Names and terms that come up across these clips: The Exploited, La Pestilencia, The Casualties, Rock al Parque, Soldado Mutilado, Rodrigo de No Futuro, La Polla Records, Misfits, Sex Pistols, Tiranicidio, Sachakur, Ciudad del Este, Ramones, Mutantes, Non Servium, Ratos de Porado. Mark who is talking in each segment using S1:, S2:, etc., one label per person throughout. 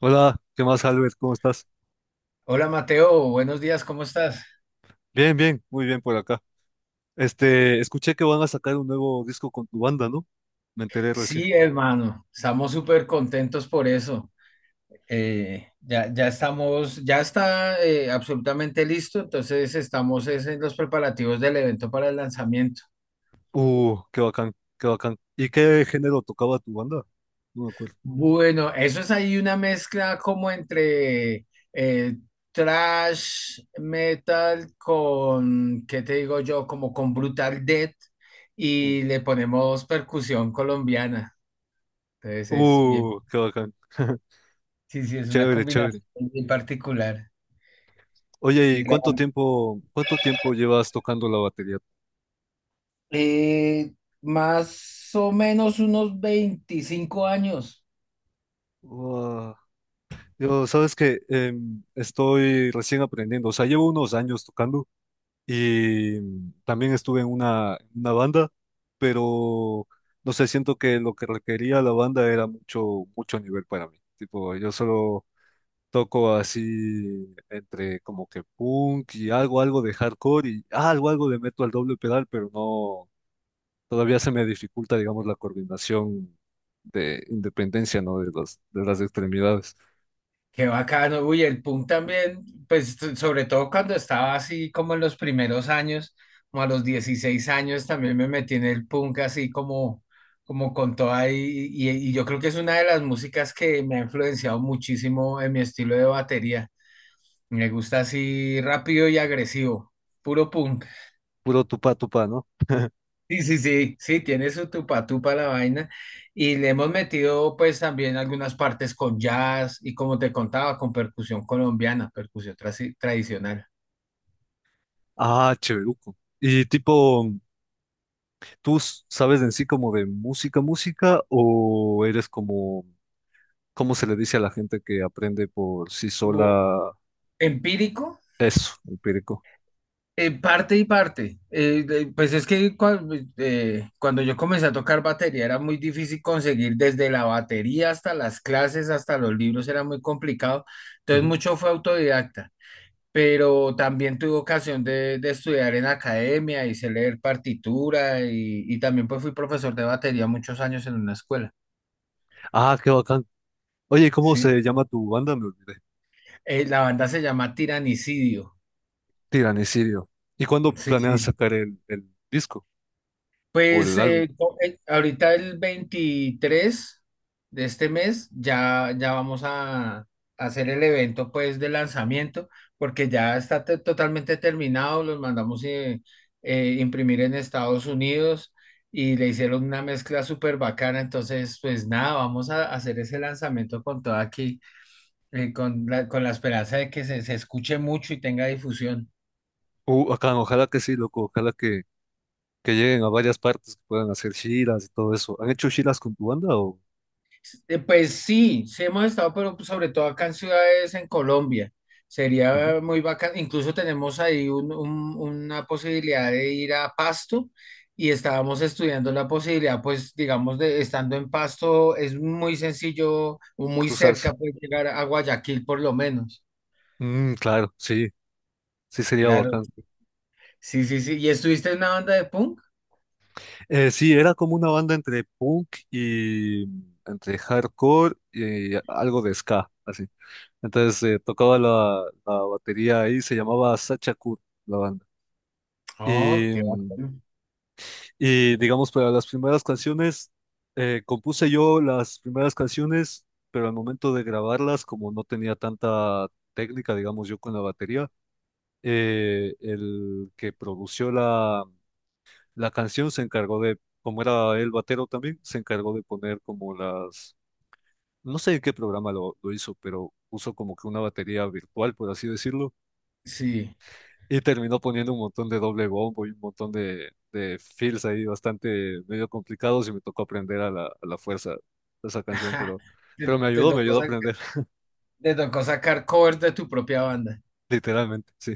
S1: Hola, ¿qué más, Albert? ¿Cómo estás?
S2: Hola Mateo, buenos días, ¿cómo estás?
S1: Bien, bien, muy bien por acá. Este, escuché que van a sacar un nuevo disco con tu banda, ¿no? Me enteré recién.
S2: Sí, hermano, estamos súper contentos por eso. Ya estamos, ya está absolutamente listo, entonces estamos es en los preparativos del evento para el lanzamiento.
S1: Qué bacán, qué bacán. ¿Y qué género tocaba tu banda? No me acuerdo.
S2: Bueno, eso es ahí una mezcla como entre eh, thrash metal con, ¿qué te digo yo? Como con Brutal Death
S1: Uh,
S2: y le ponemos percusión colombiana, entonces es bien.
S1: qué bacán.
S2: Sí, sí, es una
S1: Chévere, chévere.
S2: combinación bien particular.
S1: Oye, ¿y
S2: Sí, la...
S1: cuánto tiempo llevas tocando la batería?
S2: Eh, Más o menos unos 25 años.
S1: Uah, yo, sabes que estoy recién aprendiendo, o sea, llevo unos años tocando. Y también estuve en una banda, pero no sé, siento que lo que requería la banda era mucho, mucho nivel para mí. Tipo, yo solo toco así entre como que punk y algo, algo de hardcore y algo, algo le meto al doble pedal, pero no, todavía se me dificulta, digamos, la coordinación de independencia, ¿no? De las extremidades.
S2: Qué bacano. Uy, el punk también, pues sobre todo cuando estaba así como en los primeros años, como a los 16 años también me metí en el punk así como, como con toda y yo creo que es una de las músicas que me ha influenciado muchísimo en mi estilo de batería. Me gusta así rápido y agresivo, puro punk.
S1: Puro tupa tupa, ¿no?
S2: Sí, sí, sí, sí, tiene su tupa tupa la vaina y le hemos metido pues también algunas partes con jazz y como te contaba, con percusión colombiana, tradicional.
S1: Ah, cheveruco. Y tipo. ¿Tú sabes en sí como de música, música, o eres como, cómo se le dice a la gente que aprende por sí
S2: Como
S1: sola
S2: empírico,
S1: eso, empírico?
S2: parte y parte. Pues es que cuando yo comencé a tocar batería era muy difícil conseguir desde la batería hasta las clases, hasta los libros, era muy complicado. Entonces
S1: Ujú.
S2: mucho fue autodidacta, pero también tuve ocasión de estudiar en academia, hice leer partitura y también pues fui profesor de batería muchos años en una escuela.
S1: Ah, qué bacán. Oye, ¿cómo
S2: Sí,
S1: se llama tu banda? Me olvidé.
S2: La banda se llama Tiranicidio.
S1: Tiranicidio. ¿Y cuándo
S2: Sí,
S1: planean
S2: sí.
S1: sacar el disco o
S2: Pues
S1: el álbum?
S2: eh, co- eh, ahorita el 23 de este mes ya, ya vamos a hacer el evento pues de lanzamiento porque ya está totalmente terminado, los mandamos imprimir en Estados Unidos y le hicieron una mezcla súper bacana, entonces pues nada, vamos a hacer ese lanzamiento con todo aquí, con con la esperanza de que se escuche mucho y tenga difusión.
S1: Acá, ojalá que sí, loco, ojalá que lleguen a varias partes, que puedan hacer giras y todo eso. ¿Han hecho giras con tu banda o
S2: Pues sí, sí hemos estado, pero pues, sobre todo acá en ciudades en Colombia.
S1: Ujú.
S2: Sería muy bacán. Incluso tenemos ahí una posibilidad de ir a Pasto y estábamos estudiando la posibilidad, pues digamos, de estando en Pasto es muy sencillo o muy
S1: Cruzarse?
S2: cerca pues llegar a Guayaquil por lo menos.
S1: Mm, claro, sí, sí sería
S2: Claro.
S1: bacán.
S2: Sí, sí, sí. ¿Y estuviste en una banda de punk?
S1: Sí, era como una banda entre punk y entre hardcore y algo de ska, así. Entonces tocaba la batería ahí, se llamaba Sachakur, la banda.
S2: Oh,
S1: Y,
S2: qué bacán.
S1: y digamos, para las primeras canciones, compuse yo las primeras canciones, pero al momento de grabarlas, como no tenía tanta técnica, digamos, yo con la batería, el que produció la canción se encargó de, como era el batero también, se encargó de poner como las, no sé en qué programa lo hizo, pero puso como que una batería virtual, por así decirlo,
S2: Sí.
S1: y terminó poniendo un montón de doble bombo y un montón de fills ahí bastante medio complicados y me tocó aprender a la fuerza esa canción, pero
S2: Te, te
S1: me
S2: tocó
S1: ayudó a
S2: sacar,
S1: aprender.
S2: te tocó sacar covers de tu propia banda.
S1: Literalmente, sí.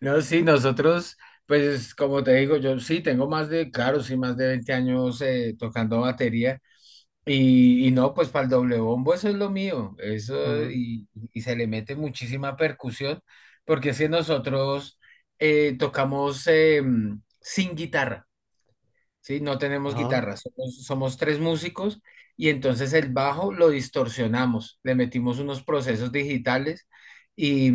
S2: No, sí, nosotros, pues como te digo, yo sí tengo más de, claro, sí, más de 20 años tocando batería y no, pues para el doble bombo eso es lo mío, eso
S1: Ujú.
S2: y se le mete muchísima percusión, porque si nosotros tocamos sin guitarra, ¿sí? No tenemos
S1: Ajá,
S2: guitarra, somos, somos tres músicos y entonces el bajo lo distorsionamos, le metimos unos procesos digitales y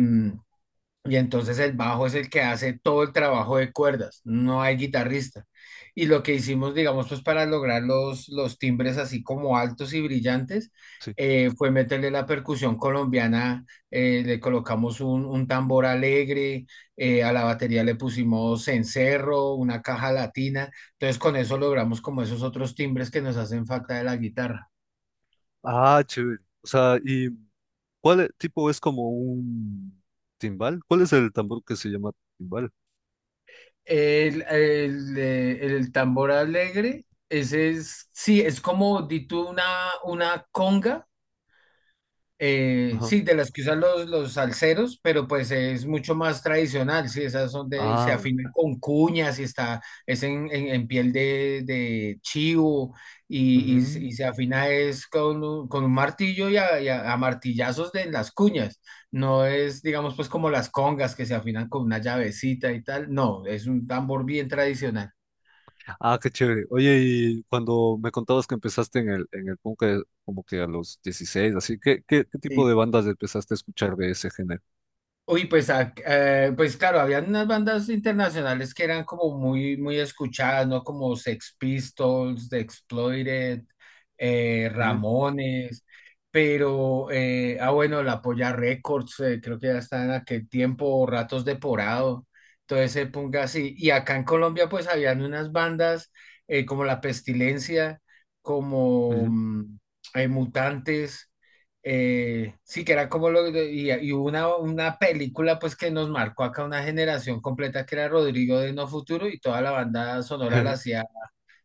S2: y entonces el bajo es el que hace todo el trabajo de cuerdas, no hay guitarrista. Y lo que hicimos, digamos, pues para lograr los timbres así como altos y brillantes,
S1: sí.
S2: fue meterle la percusión colombiana, le colocamos un tambor alegre, a la batería le pusimos cencerro, una caja latina. Entonces con eso logramos como esos otros timbres que nos hacen falta de la guitarra.
S1: Ah, chévere. O sea, ¿y cuál tipo es como un timbal? ¿Cuál es el tambor que se llama timbal?
S2: El tambor alegre, ese es, sí, es como, di tú, una conga,
S1: Ajá.
S2: sí, de las que usan los salseros, pero pues es mucho más tradicional, sí, esas son de, se
S1: Ah, bueno.
S2: afinan con cuñas y está, es en piel de chivo y, y, se
S1: Ujú.
S2: y se afina es con, con un martillo y a, a martillazos de las cuñas, no es, digamos, pues como las congas que se afinan con una llavecita y tal, no, es un tambor bien tradicional.
S1: Ah, qué chévere. Oye, y cuando me contabas que empezaste en el punk como que a los 16 así, ¿qué, qué, qué tipo de bandas empezaste a escuchar de ese género?
S2: Uy, pues, pues claro, habían unas bandas internacionales que eran como muy, muy escuchadas, ¿no? Como Sex Pistols, The Exploited,
S1: Ujú,
S2: Ramones, pero, bueno, La Polla Records, creo que ya está en aquel tiempo, Ratos de Porado, todo ese punk así. Y acá en Colombia, pues, habían unas bandas como La Pestilencia, como
S1: ujú.
S2: Mutantes, sí, que era como y hubo una película pues que nos marcó acá una generación completa que era Rodrigo de No Futuro y toda la banda sonora la hacía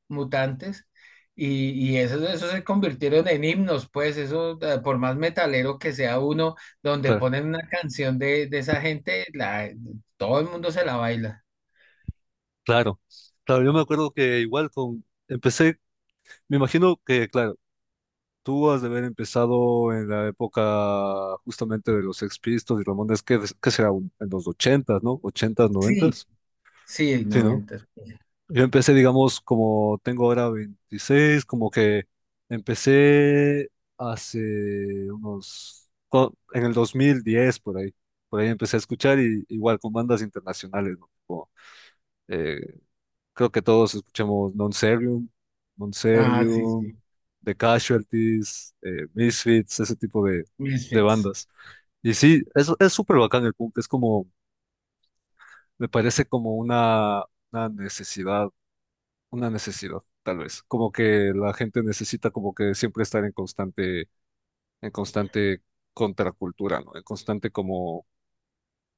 S2: Mutantes y esos, esos se convirtieron en himnos pues eso por más metalero que sea uno donde
S1: Claro,
S2: ponen una canción de esa gente la, todo el mundo se la baila.
S1: claro. Claro, yo me acuerdo que igual con, empecé, me imagino que, claro, tú has de haber empezado en la época justamente de los Sex Pistols y Ramones, que será en los ochentas, ¿no? Ochentas,
S2: Sí,
S1: noventas,
S2: sí,
S1: sí, no.
S2: noventas.
S1: Yo empecé, digamos, como tengo ahora 26, como que empecé hace unos, en el 2010 por ahí empecé a escuchar y igual con bandas internacionales, ¿no? Como, eh, creo que todos escuchamos Non Servium, Non
S2: Ah, sí,
S1: Servium,
S2: sí.
S1: The Casualties, Misfits, ese tipo de
S2: Misfits.
S1: bandas. Y sí, es súper bacán el punk, es como, me parece como una necesidad, una necesidad, tal vez. Como que la gente necesita como que siempre estar en constante contracultura, ¿no? En constante como,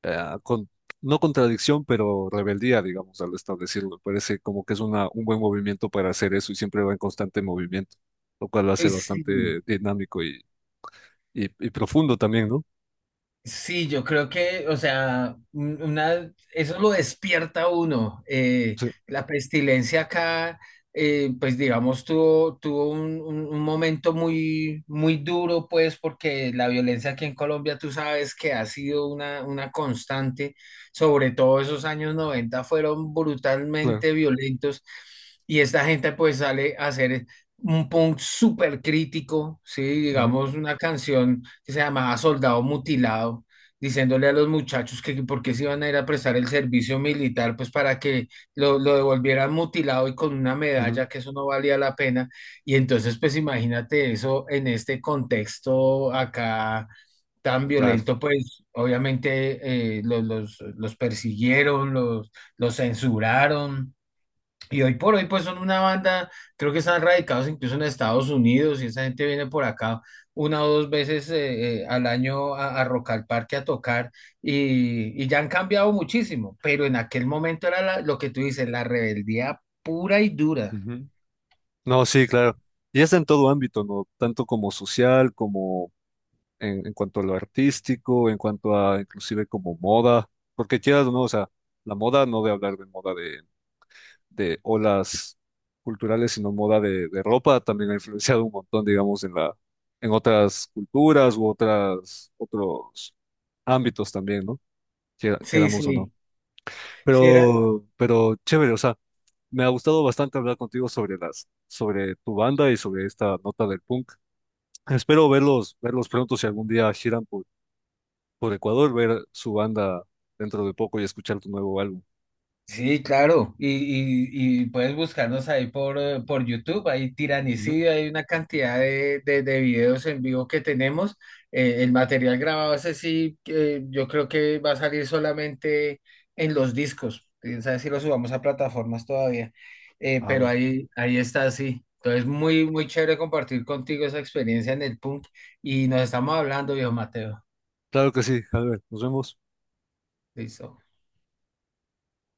S1: eh, con- no contradicción, pero rebeldía, digamos, al establecerlo. Me parece como que es una, un buen movimiento para hacer eso y siempre va en constante movimiento, lo cual lo hace
S2: Uy, sí.
S1: bastante dinámico y profundo también, ¿no?
S2: Sí, yo creo que, o sea, una, eso lo despierta a uno.
S1: Sí,
S2: La pestilencia acá, pues digamos, tuvo un momento muy, muy duro, pues, porque la violencia aquí en Colombia, tú sabes que ha sido una constante, sobre todo esos años 90 fueron
S1: claro.
S2: brutalmente violentos y esta gente pues sale a hacer un punk súper crítico, ¿sí? Digamos, una canción que se llamaba Soldado Mutilado, diciéndole a los muchachos que por qué se iban a ir a prestar el servicio militar, pues para que lo devolvieran mutilado y con una
S1: Ujú, ujú,
S2: medalla, que eso no valía la pena. Y entonces, pues imagínate eso en este contexto acá tan
S1: claro.
S2: violento, pues obviamente los persiguieron, los censuraron. Y hoy por hoy, pues son una banda, creo que están radicados incluso en Estados Unidos y esa gente viene por acá una o dos veces al año a Rock al Parque a tocar y ya han cambiado muchísimo, pero en aquel momento era lo que tú dices, la rebeldía pura y dura.
S1: Ujú. No, sí, claro. Y es en todo ámbito, ¿no? Tanto como social, como en cuanto a lo artístico, en cuanto a inclusive como moda, porque quieras o no, o sea, la moda no de hablar de moda de olas culturales, sino moda de ropa, también ha influenciado un montón, digamos, en la, en otras culturas u otras, otros ámbitos también, ¿no? Quiera-
S2: Sí,
S1: Queramos o no.
S2: sí, sí, era,
S1: Pero chévere, o sea, me ha gustado bastante hablar contigo sobre las, sobre tu banda y sobre esta nota del punk. Espero verlos, verlos pronto si algún día giran por Ecuador, ver su banda dentro de poco y escuchar tu nuevo álbum.
S2: Sí, claro. Y puedes buscarnos ahí por YouTube. Hay
S1: Ujú.
S2: tiranicidio, hay una cantidad de videos en vivo que tenemos. El material grabado, ese sí, yo creo que va a salir solamente en los discos. Quién sabe si lo subamos a plataformas todavía.
S1: Ah,
S2: Pero
S1: vale.
S2: ahí, ahí está, sí. Entonces, muy, muy chévere compartir contigo esa experiencia en el punk. Y nos estamos hablando, viejo Mateo.
S1: Claro que sí, Albert, nos vemos.
S2: Listo.